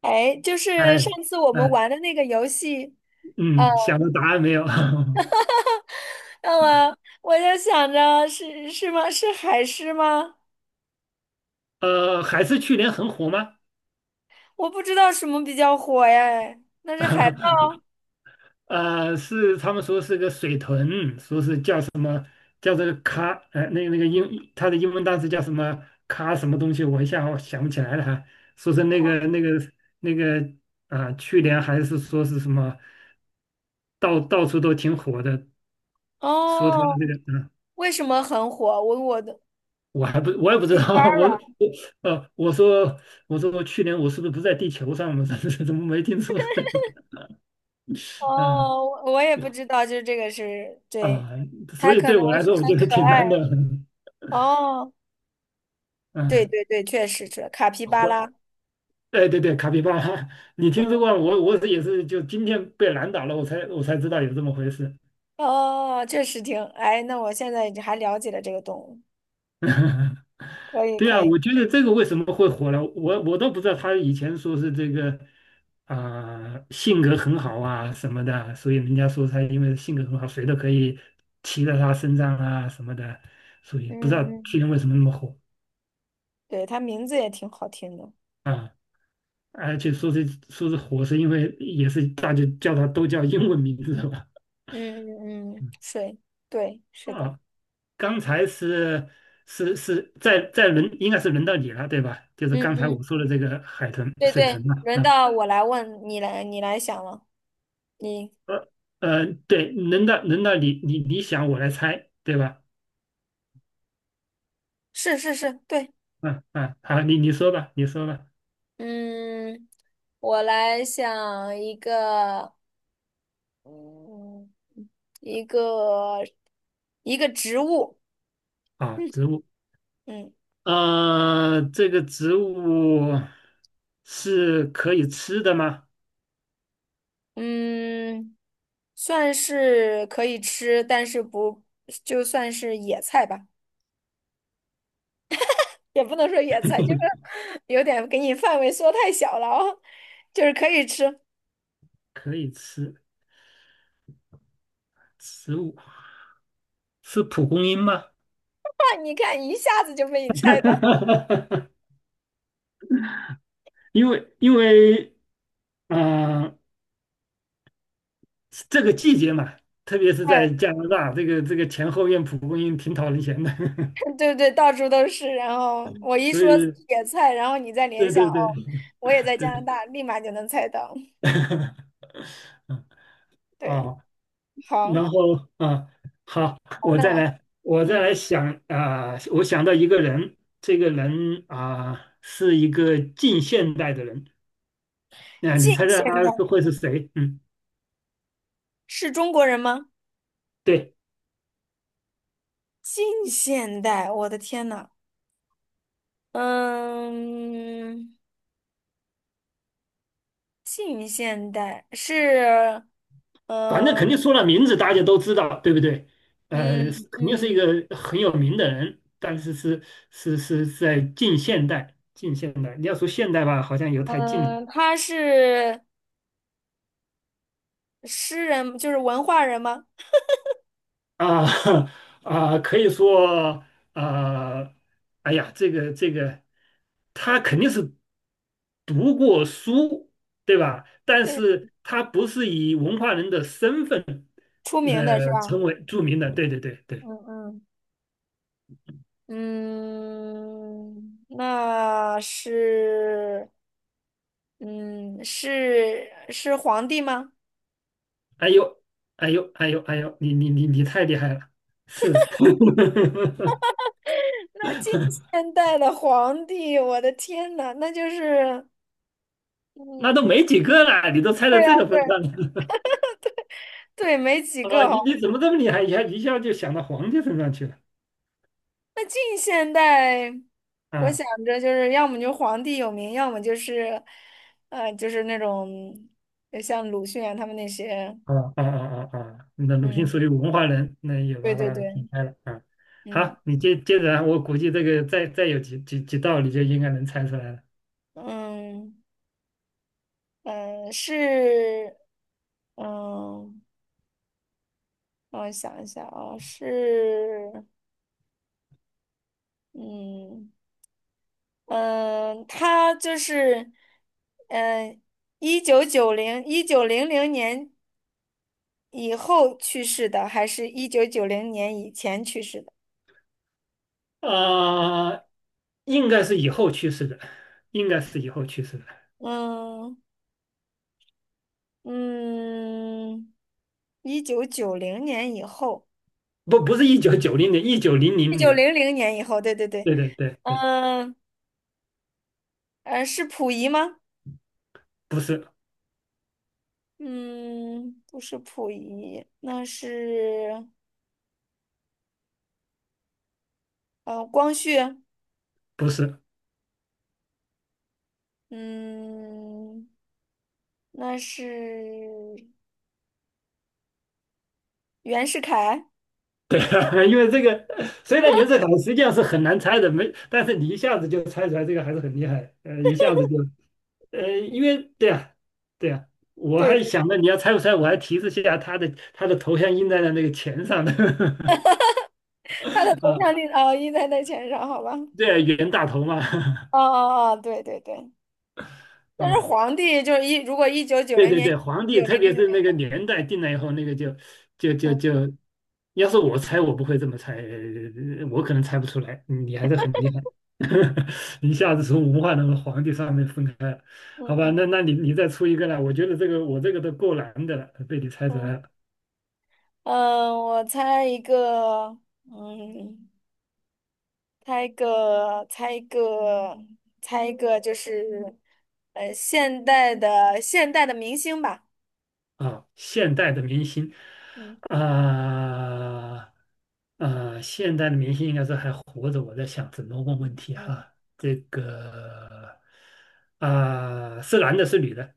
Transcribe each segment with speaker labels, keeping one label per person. Speaker 1: 哎，就
Speaker 2: 哎
Speaker 1: 是上次我们
Speaker 2: 哎，
Speaker 1: 玩的那个游戏，呃，
Speaker 2: 嗯，想到答案没有？
Speaker 1: 那么我就想着是吗？是海狮吗？
Speaker 2: 还是去年很火吗？
Speaker 1: 我不知道什么比较火哎，那是海豹
Speaker 2: 是他们说是个水豚，说是叫什么叫这个咖，那个那个英，它的英文单词叫什么咖什么东西，我一下想不起来了哈。说是那个去年还是说是什么，到处都挺火的，说它
Speaker 1: 哦。
Speaker 2: 那个啊
Speaker 1: 为什么很火？我的
Speaker 2: 我也不
Speaker 1: c
Speaker 2: 知
Speaker 1: a p
Speaker 2: 道。
Speaker 1: y r
Speaker 2: 我
Speaker 1: a
Speaker 2: 我呃，我说我说去年我是不是不在地球上？我怎么没听说这个？嗯
Speaker 1: 哦，我也不知道，就是这个是对，
Speaker 2: 啊，所
Speaker 1: 它
Speaker 2: 以
Speaker 1: 可
Speaker 2: 对
Speaker 1: 能
Speaker 2: 我来
Speaker 1: 是
Speaker 2: 说，我
Speaker 1: 很
Speaker 2: 觉得
Speaker 1: 可
Speaker 2: 挺
Speaker 1: 爱
Speaker 2: 难的。
Speaker 1: 哦。对
Speaker 2: 嗯，
Speaker 1: 对对，确实是卡皮巴拉，
Speaker 2: 或哎对对，卡皮巴拉，你听
Speaker 1: 嗯
Speaker 2: 说过？我也是就今天被难倒了，我才知道有这么回事。
Speaker 1: 哦，确实挺哎。那我现在还了解了这个动物，可以
Speaker 2: 对
Speaker 1: 可
Speaker 2: 啊，
Speaker 1: 以，
Speaker 2: 我觉得这个为什么会火了，我都不知道。他以前说是这个啊、性格很好啊什么的，所以人家说他因为性格很好，谁都可以骑在他身上啊什么的，所以不知道
Speaker 1: 嗯嗯。
Speaker 2: 去年为什么那么火
Speaker 1: 对，他名字也挺好听的。
Speaker 2: 啊。而且说是火，是因为也是大家叫他都叫英文名字的吧？
Speaker 1: 嗯嗯嗯，
Speaker 2: 嗯
Speaker 1: 水，对，是的。
Speaker 2: 啊，刚才是是是在在轮应该是轮到你了，对吧？就是
Speaker 1: 嗯
Speaker 2: 刚才我
Speaker 1: 嗯，
Speaker 2: 说的这个海豚
Speaker 1: 对
Speaker 2: 水豚
Speaker 1: 对，
Speaker 2: 嘛，
Speaker 1: 轮
Speaker 2: 啊，
Speaker 1: 到我来问你来，你来想了。你
Speaker 2: 呃对，轮到你想我来猜，对吧？
Speaker 1: 是是是，对。
Speaker 2: 嗯嗯，好，你说吧，你说吧。
Speaker 1: 嗯，我来想一个，嗯，一个一个植物。
Speaker 2: 啊，植物，
Speaker 1: 嗯
Speaker 2: 这个植物是可以吃的吗？
Speaker 1: 嗯，算是可以吃，但是不，就算是野菜吧。也不能说野菜，就是有点给你范围缩太小了哦，就是可以吃。哇，
Speaker 2: 可以吃，植物是蒲公英吗？
Speaker 1: 你看一下子就被你猜到，
Speaker 2: 因为，嗯、这个季节嘛，特别是在
Speaker 1: 哎，
Speaker 2: 加拿大，这个前后院蒲公英挺讨人嫌的，
Speaker 1: 对对，到处都是。然后我 一
Speaker 2: 所
Speaker 1: 说
Speaker 2: 以
Speaker 1: 野菜，然后你再联
Speaker 2: 对
Speaker 1: 想，
Speaker 2: 对
Speaker 1: 哦，
Speaker 2: 对
Speaker 1: 我也在加拿
Speaker 2: 对。
Speaker 1: 大，立马就能猜到。对，
Speaker 2: 哦，
Speaker 1: 好，
Speaker 2: 然后啊，好，
Speaker 1: 好，
Speaker 2: 我再
Speaker 1: 那
Speaker 2: 来，我再
Speaker 1: 嗯，
Speaker 2: 来想啊，我想到一个人，这个人啊是一个近现代的人，那你
Speaker 1: 近
Speaker 2: 猜猜
Speaker 1: 现
Speaker 2: 他
Speaker 1: 代
Speaker 2: 是会是谁？嗯，
Speaker 1: 是中国人吗？
Speaker 2: 对，
Speaker 1: 近现代，我的天呐，嗯，近现代是，
Speaker 2: 反正肯定说了名字，大家都知道，对不对？
Speaker 1: 嗯
Speaker 2: 是肯定是一
Speaker 1: 嗯。
Speaker 2: 个很有名的人，但是在近现代，近现代，你要说现代吧，好像又太近了，
Speaker 1: 嗯，他是诗人，就是文化人吗？
Speaker 2: 啊。 啊，可以说啊，哎呀，他肯定是读过书，对吧？但是他不是以文化人的身份
Speaker 1: 出名的是吧？
Speaker 2: 成为著名的，对对对对。
Speaker 1: 嗯嗯嗯，那是，嗯，是皇帝吗？
Speaker 2: 哎呦，哎呦，哎呦，哎呦，你太厉害了，是。
Speaker 1: 那近现代的皇帝，我的天呐，那就是，
Speaker 2: 那都
Speaker 1: 嗯，
Speaker 2: 没几个了，你都猜到
Speaker 1: 对呀，
Speaker 2: 这个
Speaker 1: 对
Speaker 2: 份上了。
Speaker 1: 对，没几
Speaker 2: 啊！
Speaker 1: 个。
Speaker 2: 你怎么这么厉害，一下一下就想到皇帝身上去了
Speaker 1: 那近现代，我
Speaker 2: 啊？
Speaker 1: 想着就是要么就皇帝有名，要么就是，就是那种像鲁迅啊他们那些，
Speaker 2: 啊哦哦哦哦，那鲁迅属
Speaker 1: 嗯，
Speaker 2: 于文化人，那也
Speaker 1: 对
Speaker 2: 把
Speaker 1: 对
Speaker 2: 它劈
Speaker 1: 对，
Speaker 2: 开了啊。
Speaker 1: 嗯
Speaker 2: 好，你接着啊，我估计这个再有几道，你就应该能猜出来了。
Speaker 1: 嗯嗯，是，嗯，让我想一下啊，是，嗯嗯，他就是，嗯，一九九零一九零零年以后去世的，还是一九九零年以前去世的？
Speaker 2: 啊、应该是以后去世的，应该是以后去世的，
Speaker 1: 嗯嗯，一九九零年以后，
Speaker 2: 不是1990年，一九零
Speaker 1: 一
Speaker 2: 零
Speaker 1: 九
Speaker 2: 年。
Speaker 1: 零零年以后，对对对，
Speaker 2: 对对对对，
Speaker 1: 嗯是溥仪吗？
Speaker 2: 不是
Speaker 1: 嗯，不是溥仪，那是光绪，
Speaker 2: 不是。
Speaker 1: 嗯，那是袁世凯，
Speaker 2: 因为这个虽然袁世凯实际上是很难猜的，没，但是你一下子就猜出来，这个还是很厉害，一下子就，因为对呀、对呀、我
Speaker 1: 对
Speaker 2: 还
Speaker 1: 对，
Speaker 2: 想着你要猜不猜，我还提示一下他的头像印在了那个钱上的。
Speaker 1: 他的头
Speaker 2: 啊，
Speaker 1: 像立哦印在钱上，好吧？
Speaker 2: 对啊，袁大头嘛。
Speaker 1: 哦哦哦，对对对，但是
Speaker 2: 啊，
Speaker 1: 皇帝就是一如果一九九
Speaker 2: 对
Speaker 1: 零
Speaker 2: 对
Speaker 1: 年
Speaker 2: 对，皇
Speaker 1: 一九
Speaker 2: 帝，
Speaker 1: 零
Speaker 2: 特
Speaker 1: 零
Speaker 2: 别
Speaker 1: 年，
Speaker 2: 是那个年代定了以后，那个就，
Speaker 1: 嗯
Speaker 2: 要是我猜，我不会这么猜，我可能猜不出来，你还是很厉害。一下子从文化那个皇帝上面分开了，好
Speaker 1: 嗯
Speaker 2: 吧，
Speaker 1: 嗯
Speaker 2: 那你再出一个来，我觉得这个我这个都够难的了，被你猜出
Speaker 1: 嗯。
Speaker 2: 来了。
Speaker 1: 嗯，我猜一个，嗯，猜一个，猜一个，猜一个，就是，现代的明星吧，
Speaker 2: 啊，现代的明星，
Speaker 1: 嗯，
Speaker 2: 啊、现代的明星应该是还活着。我在想怎么问问题
Speaker 1: 嗯，
Speaker 2: 哈，这个啊、是男的，是女的？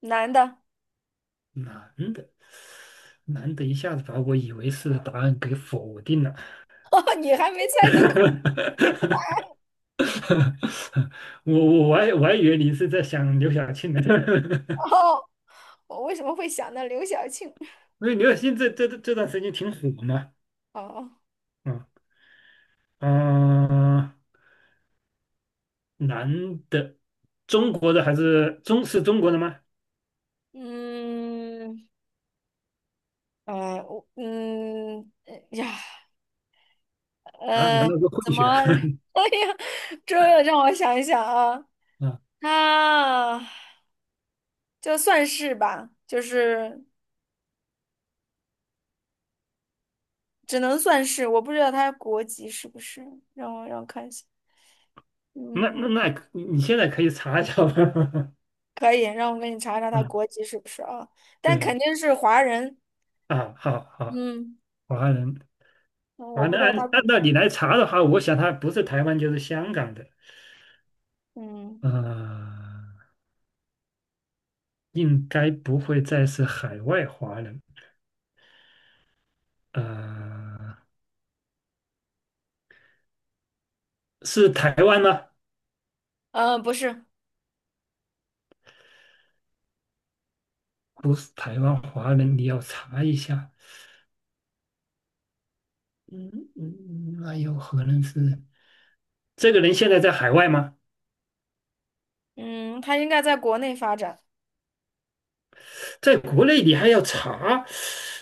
Speaker 1: 男的，
Speaker 2: 男的，男的，一下子把我以为是答案给否定了。
Speaker 1: 你还没猜都可没
Speaker 2: 我还以为你是在想刘晓庆呢。
Speaker 1: 到，我为什么会想到刘晓庆？
Speaker 2: 因为刘晓庆这段时间挺火嘛，
Speaker 1: 哦，
Speaker 2: 嗯啊。啊，男的，中国的还是中国的吗？
Speaker 1: 嗯，我嗯，哎呀，
Speaker 2: 啊，难
Speaker 1: 呃，
Speaker 2: 道是
Speaker 1: 怎
Speaker 2: 混血啊？
Speaker 1: 么，这让我想一想啊，
Speaker 2: 啊，
Speaker 1: 他就算是吧，就是。只能算是，我不知道他国籍是不是，让我看一下，
Speaker 2: 那
Speaker 1: 嗯，
Speaker 2: 那那，你现在可以查一下吧。
Speaker 1: 可以，让我给你查查他
Speaker 2: 嗯，
Speaker 1: 国籍是不是啊？但
Speaker 2: 对
Speaker 1: 肯定是华人，
Speaker 2: 啊，好好，
Speaker 1: 嗯，
Speaker 2: 华人，
Speaker 1: 嗯
Speaker 2: 华
Speaker 1: 我
Speaker 2: 人
Speaker 1: 不知道
Speaker 2: 按
Speaker 1: 他，
Speaker 2: 按道理来查的话，我想他不是台湾就是香港的，
Speaker 1: 嗯，
Speaker 2: 呃，应该不会再是海外华人，呃，是台湾吗？
Speaker 1: 不是，
Speaker 2: 不是台湾华人，你要查一下。嗯嗯，那有可能是这个人现在在海外吗？
Speaker 1: 嗯，他应该在国内发展，
Speaker 2: 在国内你还要查，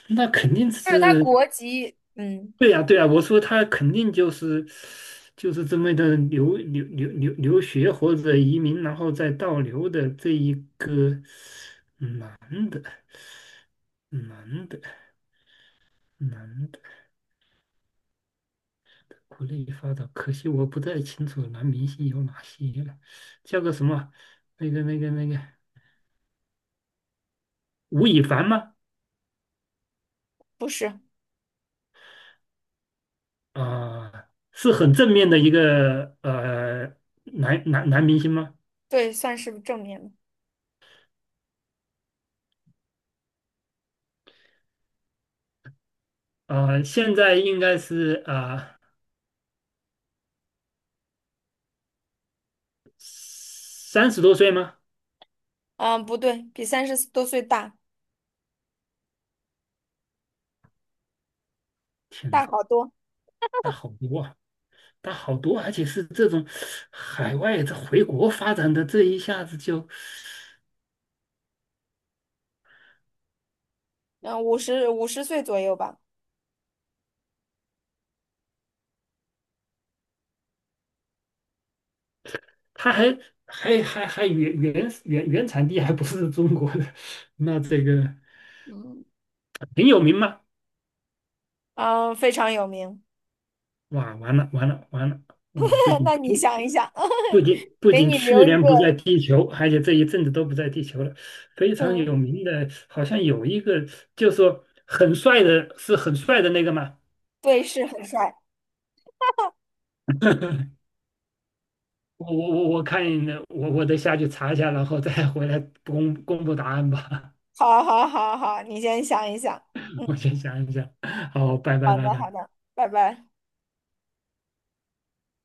Speaker 2: 那肯定
Speaker 1: 就是他
Speaker 2: 是。
Speaker 1: 国籍，嗯，
Speaker 2: 对呀、对呀、我说他肯定就是这么的留学或者移民，然后再倒流的这一个男的男的男的国内发展，可惜我不太清楚男明星有哪些了，叫个什么那个吴亦凡吗？
Speaker 1: 不是，
Speaker 2: 啊、是很正面的一个男明星吗？
Speaker 1: 对，算是正面的，
Speaker 2: 现在应该是啊30多岁吗？
Speaker 1: 嗯，不对，比30多岁大，
Speaker 2: 天
Speaker 1: 大
Speaker 2: 哪，
Speaker 1: 好多，
Speaker 2: 他好多啊，他好多，而且是这种海外这回国发展的，这一下子就，
Speaker 1: 嗯，五十岁左右吧，
Speaker 2: 他还原产地还不是中国的，那这个
Speaker 1: 嗯，
Speaker 2: 挺有名吗？
Speaker 1: 嗯，非常有名，
Speaker 2: 哇，完了完了完了，我不 仅
Speaker 1: 那你
Speaker 2: 听
Speaker 1: 想一想，
Speaker 2: 不仅 不
Speaker 1: 给
Speaker 2: 仅
Speaker 1: 你
Speaker 2: 去
Speaker 1: 留一
Speaker 2: 年
Speaker 1: 个。
Speaker 2: 不在地球，而且这一阵子都不在地球了。非常
Speaker 1: 嗯。
Speaker 2: 有名的，好像有一个，就说很帅的，是很帅的那个嘛。
Speaker 1: 对，是很帅。
Speaker 2: 我我我我看我得下去查一下，然后再回来公布答案吧。
Speaker 1: 好，好，好，好，你先想一想。
Speaker 2: 我
Speaker 1: 嗯，
Speaker 2: 先想一想。好，拜拜
Speaker 1: 好
Speaker 2: 拜
Speaker 1: 的，
Speaker 2: 拜。
Speaker 1: 好的，拜拜。